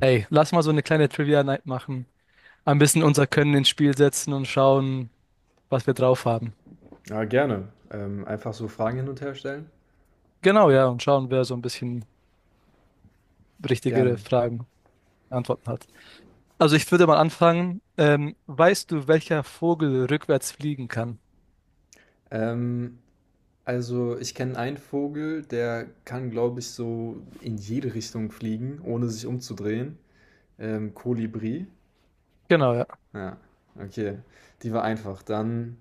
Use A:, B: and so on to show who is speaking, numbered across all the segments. A: Ey, lass mal so eine kleine Trivia-Night machen. Ein bisschen unser Können ins Spiel setzen und schauen, was wir drauf haben.
B: Ja, gerne. Einfach so Fragen hin und her stellen?
A: Genau, ja, und schauen, wer so ein bisschen richtigere
B: Gerne.
A: Fragen, Antworten hat. Also ich würde mal anfangen. Weißt du, welcher Vogel rückwärts fliegen kann?
B: Ähm, also ich kenne einen Vogel, der kann, glaube ich, so in jede Richtung fliegen, ohne sich umzudrehen. Kolibri.
A: Genau, ja.
B: Ja, okay. Die war einfach.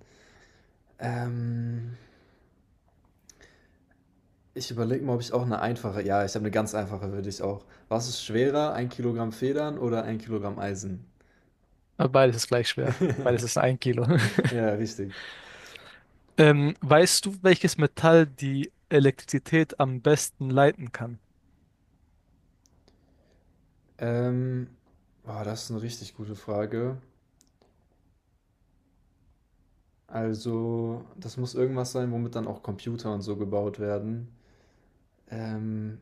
B: ähm, Ich überlege mal, ob ich auch eine einfache. Ja, ich habe eine ganz einfache für dich auch. Was ist schwerer, ein Kilogramm Federn oder ein Kilogramm Eisen?
A: Aber Beides ist gleich schwer. Beides ist ein Kilo.
B: Ja, richtig.
A: Weißt du, welches Metall die Elektrizität am besten leiten kann?
B: Ähm, Boah, das ist eine richtig gute Frage. Also, das muss irgendwas sein, womit dann auch Computer und so gebaut werden. Ähm,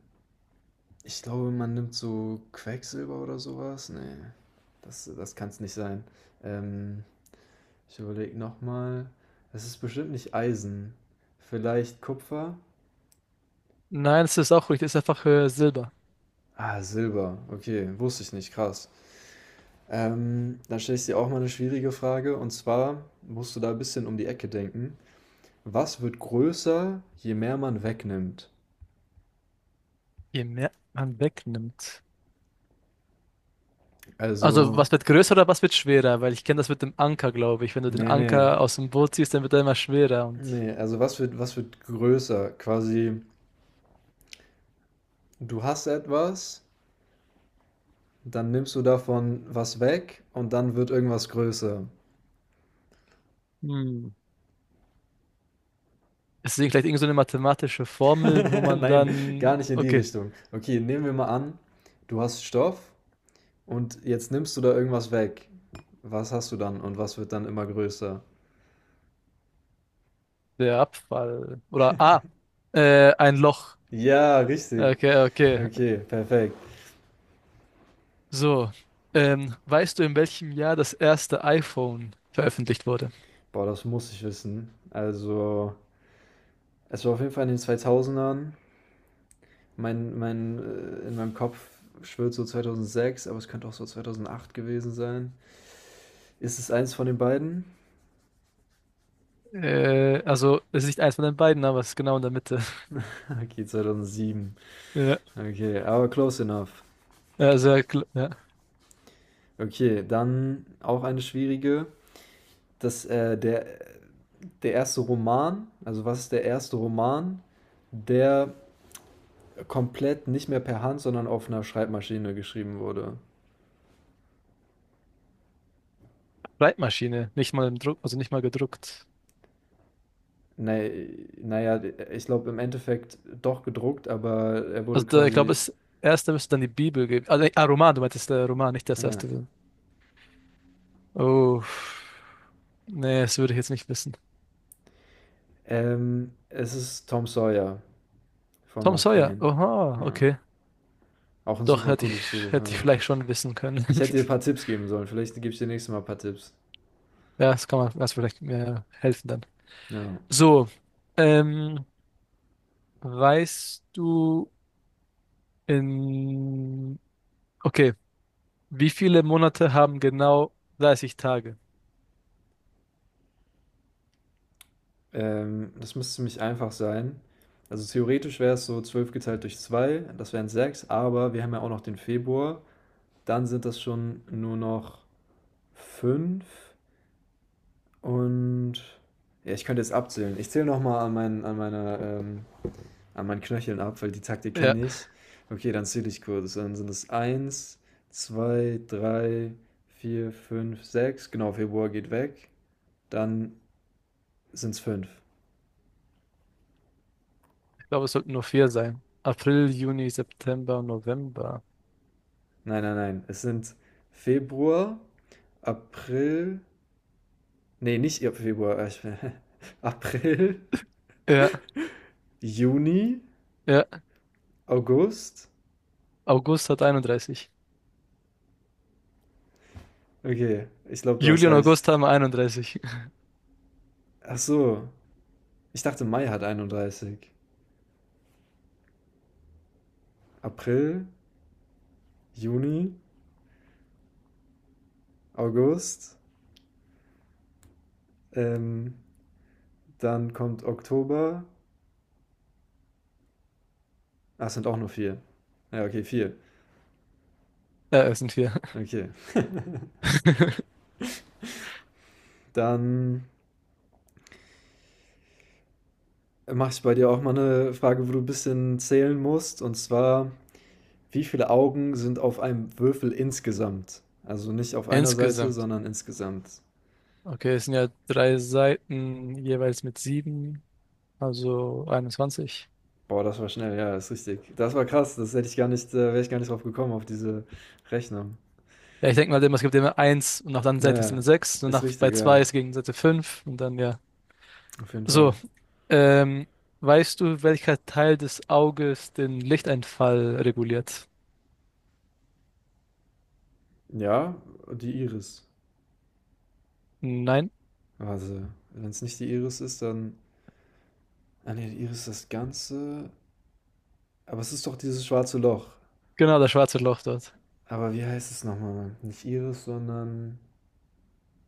B: Ich glaube, man nimmt so Quecksilber oder sowas. Nee, das kann es nicht sein. Ähm, Ich überlege nochmal. Es ist bestimmt nicht Eisen. Vielleicht Kupfer?
A: Nein, das ist auch richtig. Das ist einfach Silber.
B: Ah, Silber. Okay, wusste ich nicht. Krass. Dann stelle ich dir auch mal eine schwierige Frage. Und zwar musst du da ein bisschen um die Ecke denken. Was wird größer, je mehr man wegnimmt?
A: Je mehr man wegnimmt, also
B: Also,
A: was wird größer oder was wird schwerer? Weil ich kenne das mit dem Anker, glaube ich. Wenn du den
B: nee, nee.
A: Anker aus dem Boot ziehst, dann wird er immer schwerer. Und
B: Ne, also was wird größer? Quasi, du hast etwas, dann nimmst du davon was weg und dann wird irgendwas größer.
A: hm, ist es vielleicht irgend so eine mathematische Formel, wo man
B: Nein,
A: dann,
B: gar nicht in die
A: okay,
B: Richtung. Okay, nehmen wir mal an, du hast Stoff und jetzt nimmst du da irgendwas weg. Was hast du dann und was wird dann immer größer?
A: der Abfall oder ah, ein Loch.
B: Ja, richtig.
A: Okay, okay.
B: Okay, perfekt.
A: So, weißt du, in welchem Jahr das erste iPhone veröffentlicht wurde?
B: Boah, das muss ich wissen. Also, es war auf jeden Fall in den 2000ern. In meinem Kopf schwirrt so 2006, aber es könnte auch so 2008 gewesen sein. Ist es eins von den beiden?
A: Also es ist nicht eins von den beiden, aber es ist genau in der Mitte.
B: Okay, 2007.
A: Ja,
B: Okay, aber close enough.
A: also ja. Ja.
B: Okay, dann auch eine schwierige. Das, äh, der, Der erste Roman, also was ist der erste Roman, der komplett nicht mehr per Hand, sondern auf einer Schreibmaschine geschrieben wurde?
A: Schreibmaschine, nicht mal im Druck, also nicht mal gedruckt.
B: Nee, naja, ich glaube im Endeffekt doch gedruckt, aber er wurde
A: Also da, ich glaube,
B: quasi.
A: das erste müsste dann die Bibel geben. Also, ah, Roman, du meintest Roman, nicht das
B: Ja.
A: erste. Gewesen. Oh, nee, das würde ich jetzt nicht wissen.
B: Es ist Tom Sawyer von
A: Tom
B: Mark
A: Sawyer,
B: Twain.
A: oha,
B: Ja.
A: okay.
B: Auch ein
A: Doch,
B: super gutes Buch.
A: hätte ich
B: Ja.
A: vielleicht schon wissen können.
B: Ich hätte dir ein paar Tipps geben sollen. Vielleicht gebe ich dir nächstes Mal ein paar Tipps.
A: Ja, das kann man, das vielleicht mir helfen dann.
B: Ja.
A: So, ähm, weißt du in, okay, wie viele Monate haben genau 30 Tage?
B: Das müsste ziemlich einfach sein. Also theoretisch wäre es so 12 geteilt durch 2. Das wären 6. Aber wir haben ja auch noch den Februar. Dann sind das schon nur noch 5 und ja, ich könnte jetzt abzählen. Ich zähle nochmal an, an meiner an meinen Knöcheln ab, weil die Taktik
A: Ja,
B: kenne ich. Okay, dann zähle ich kurz. Dann sind es eins, zwei, drei, vier, fünf, sechs. Genau, Februar geht weg. Dann sind es 5.
A: ich glaube, es sollten nur vier sein. April, Juni, September, November.
B: Nein, nein, nein. Es sind Februar, April. Nee, nicht ihr Februar. Ich, April,
A: Ja,
B: Juni,
A: ja.
B: August.
A: August hat 31.
B: Okay, ich glaube, du hast
A: Juli und August
B: recht.
A: haben 31.
B: Ach so. Ich dachte, Mai hat 31. April, Juni, August, ähm, dann kommt Oktober. Ach, es sind auch nur vier. Ja, okay, vier.
A: Ja, es sind vier.
B: Okay. Dann mache ich bei dir auch mal eine Frage, wo du ein bisschen zählen musst. Und zwar, wie viele Augen sind auf einem Würfel insgesamt? Also nicht auf einer Seite,
A: Insgesamt.
B: sondern insgesamt.
A: Okay, es sind ja drei Seiten, jeweils mit sieben, also 21.
B: Boah, das war schnell, ja, ist richtig. Das war krass, das hätte ich gar nicht, da wäre ich gar nicht drauf gekommen, auf diese Rechnung.
A: Ja, ich denke mal immer, es gibt immer eins und nach der anderen
B: Ja,
A: Seite ist
B: ja,
A: eine sechs und
B: ist
A: nach, bei
B: richtig, ja,
A: zwei ist gegen Seite fünf und dann ja.
B: auf jeden
A: So,
B: Fall.
A: ähm, weißt du, welcher Teil des Auges den Lichteinfall reguliert?
B: Ja, die Iris.
A: Nein?
B: Also, wenn es nicht die Iris ist, dann ah ne, Iris das Ganze. Aber es ist doch dieses schwarze Loch.
A: Genau, das schwarze Loch dort.
B: Aber wie heißt es nochmal, Mann? Nicht Iris, sondern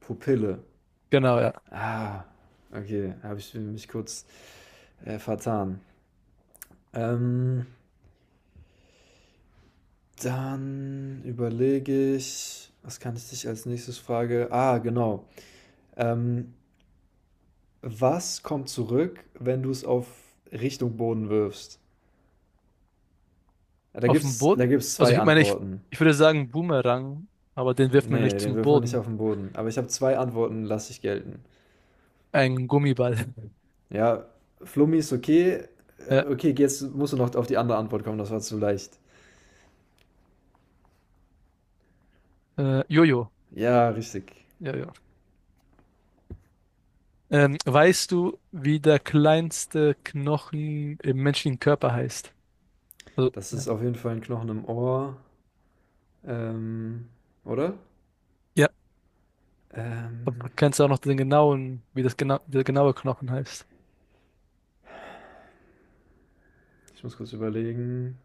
B: Pupille.
A: Genau, ja.
B: Ah, okay. Habe ich mich kurz vertan. Ähm, dann überlege ich, was kann ich dich als nächstes frage? Ah, genau. Ähm, Was kommt zurück, wenn du es auf Richtung Boden wirfst? Da
A: Auf dem
B: gibt's, da
A: Boden?
B: gibt's
A: Also
B: zwei
A: ich meine, ich,
B: Antworten.
A: ich würde sagen Boomerang, aber den wirft man
B: Nee,
A: nicht
B: den
A: zum
B: wirft man nicht
A: Boden.
B: auf den Boden. Aber ich habe zwei Antworten, lasse ich gelten.
A: Ein Gummiball.
B: Ja, Flummi ist okay.
A: Ja,
B: Okay, jetzt musst du noch auf die andere Antwort kommen, das war zu leicht.
A: Jojo.
B: Ja, richtig.
A: Ja, ja. Weißt du, wie der kleinste Knochen im menschlichen Körper heißt? Also,
B: Das ist
A: ja.
B: auf jeden Fall ein Knochen im Ohr. Ähm, oder?
A: Ja, aber
B: Ähm,
A: kennst du auch noch den genauen, wie das genau, wie der genaue Knochen heißt?
B: Ich muss kurz überlegen.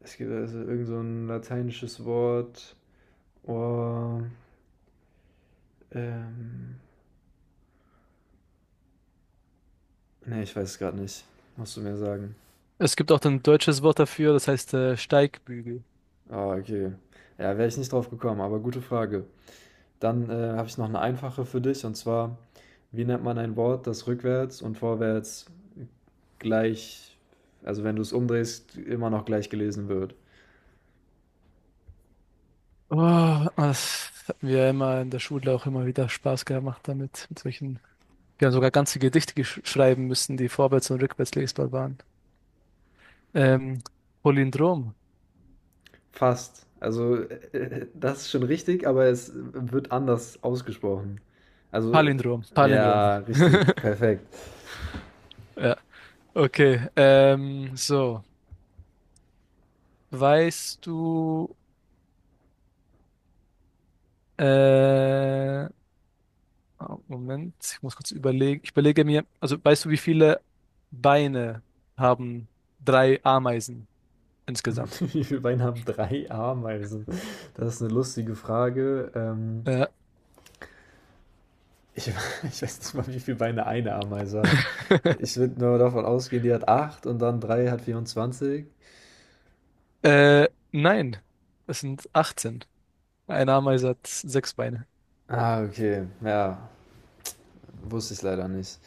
B: Es gibt also irgend so ein lateinisches Wort. Ohr. Ähm, Nee, ich weiß es gerade nicht. Musst du mir sagen.
A: Es gibt auch ein deutsches Wort dafür, das heißt Steigbügel.
B: Ah, okay. Ja, wäre ich nicht drauf gekommen, aber gute Frage. Habe ich noch eine einfache für dich und zwar: Wie nennt man ein Wort, das rückwärts und vorwärts gleich, also, wenn du es umdrehst, immer noch gleich gelesen wird?
A: Oh, das hat mir ja immer in der Schule auch immer wieder Spaß gemacht damit, mit solchen. Wir haben sogar ganze Gedichte schreiben müssen, die vorwärts und rückwärts lesbar waren. Ähm, Palindrom.
B: Fast. Das ist schon richtig, aber es, wird anders ausgesprochen. Also, äh
A: Palindrom. Palindrom.
B: ja, richtig, perfekt.
A: Ja, okay. So, weißt du, äh, oh, Moment, ich muss kurz überlegen. Ich überlege mir, also weißt du, wie viele Beine haben drei Ameisen insgesamt?
B: Wie viele Beine haben 3 Ameisen? Das ist eine lustige Frage,
A: Ja.
B: ich, ich weiß nicht mal, wie viele Beine eine Ameise hat. Ich würde nur davon ausgehen, die hat 8 und dann 3 hat 24.
A: Äh, nein, es sind 18. Eine Ameise hat 6 Beine.
B: Ah, okay. Ja, wusste ich leider nicht.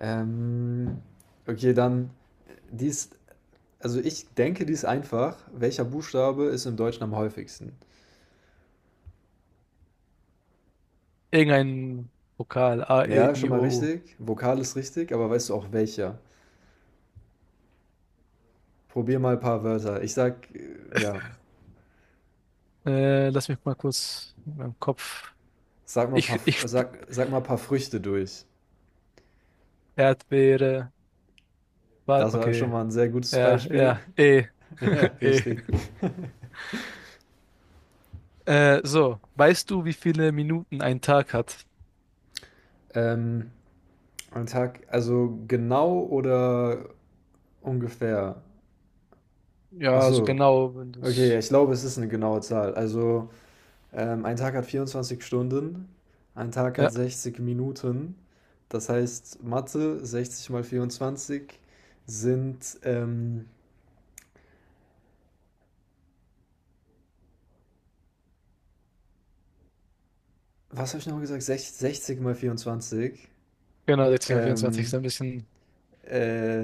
B: Ähm, okay, dann, die ist, also ich denke, die ist einfach. Welcher Buchstabe ist im Deutschen am häufigsten?
A: Irgendein Vokal. A, E,
B: Ja, schon
A: I,
B: mal
A: O,
B: richtig. Vokal ist richtig, aber weißt du auch welcher? Probier mal ein paar Wörter. Ich sag, ja,
A: U. Lass mich mal kurz in meinem Kopf.
B: sag mal ein paar,
A: Ich,
B: F-
A: ich, sp-
B: sag, sag mal ein paar Früchte durch.
A: Erdbeere. Wal,
B: Das war schon
A: okay.
B: mal ein sehr gutes
A: Ja,
B: Beispiel.
A: ja. E.
B: Ja,
A: E.
B: richtig.
A: So. Weißt du, wie viele Minuten ein Tag hat?
B: Ähm, am Tag, also genau oder ungefähr? Ach
A: Ja, also
B: so.
A: genau, wenn
B: Okay, ja,
A: das.
B: ich glaube, es ist eine genaue Zahl. Also, ein Tag hat 24 Stunden, ein Tag hat
A: Ja,
B: 60 Minuten. Das heißt, Mathe, 60 mal 24 sind, was habe ich nochmal gesagt? 60 mal 24.
A: genau, 60 und 24 ist
B: ähm,
A: ein bisschen.
B: äh,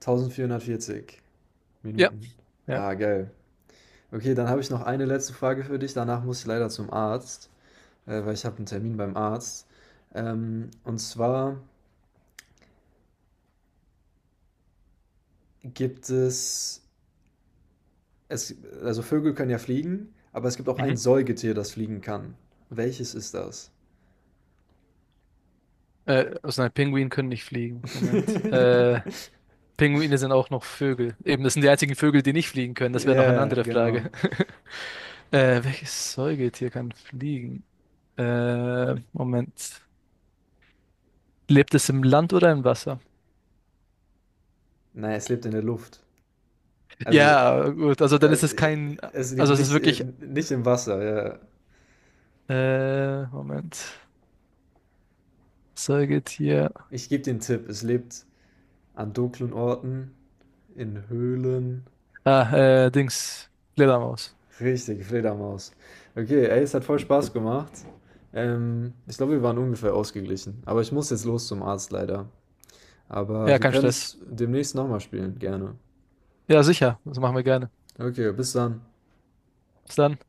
B: 1.440
A: Ja,
B: Minuten.
A: ja.
B: Ah, geil. Okay, dann habe ich noch eine letzte Frage für dich. Danach muss ich leider zum Arzt, weil ich habe einen Termin beim Arzt. Und zwar gibt es, es, also Vögel können ja fliegen, aber es gibt auch ein
A: Mhm.
B: Säugetier, das fliegen kann. Welches ist das?
A: Also nein, Pinguine können nicht fliegen. Moment. Pinguine sind auch noch Vögel. Eben, das sind die einzigen Vögel, die nicht fliegen können. Das wäre noch eine
B: Ja,
A: andere
B: genau.
A: Frage. Welches Säugetier kann fliegen? Moment. Lebt es im Land oder im Wasser?
B: Nein, es lebt in der Luft. Also,
A: Ja, gut. Also dann
B: äh,
A: ist es kein.
B: Es lebt
A: Also es ist
B: nicht,
A: wirklich.
B: nicht im Wasser. Ja.
A: Moment. Säugetier.
B: Ich gebe den Tipp, es lebt an dunklen Orten, in Höhlen.
A: Ah, Dings. Fledermaus.
B: Richtig, Fledermaus. Okay, ey, es hat voll Spaß gemacht. Ich glaube, wir waren ungefähr ausgeglichen. Aber ich muss jetzt los zum Arzt leider. Aber
A: Ja,
B: wir
A: kein
B: können
A: Stress.
B: es demnächst nochmal spielen, gerne.
A: Ja, sicher. Das machen wir gerne.
B: Okay, bis dann.
A: Bis dann.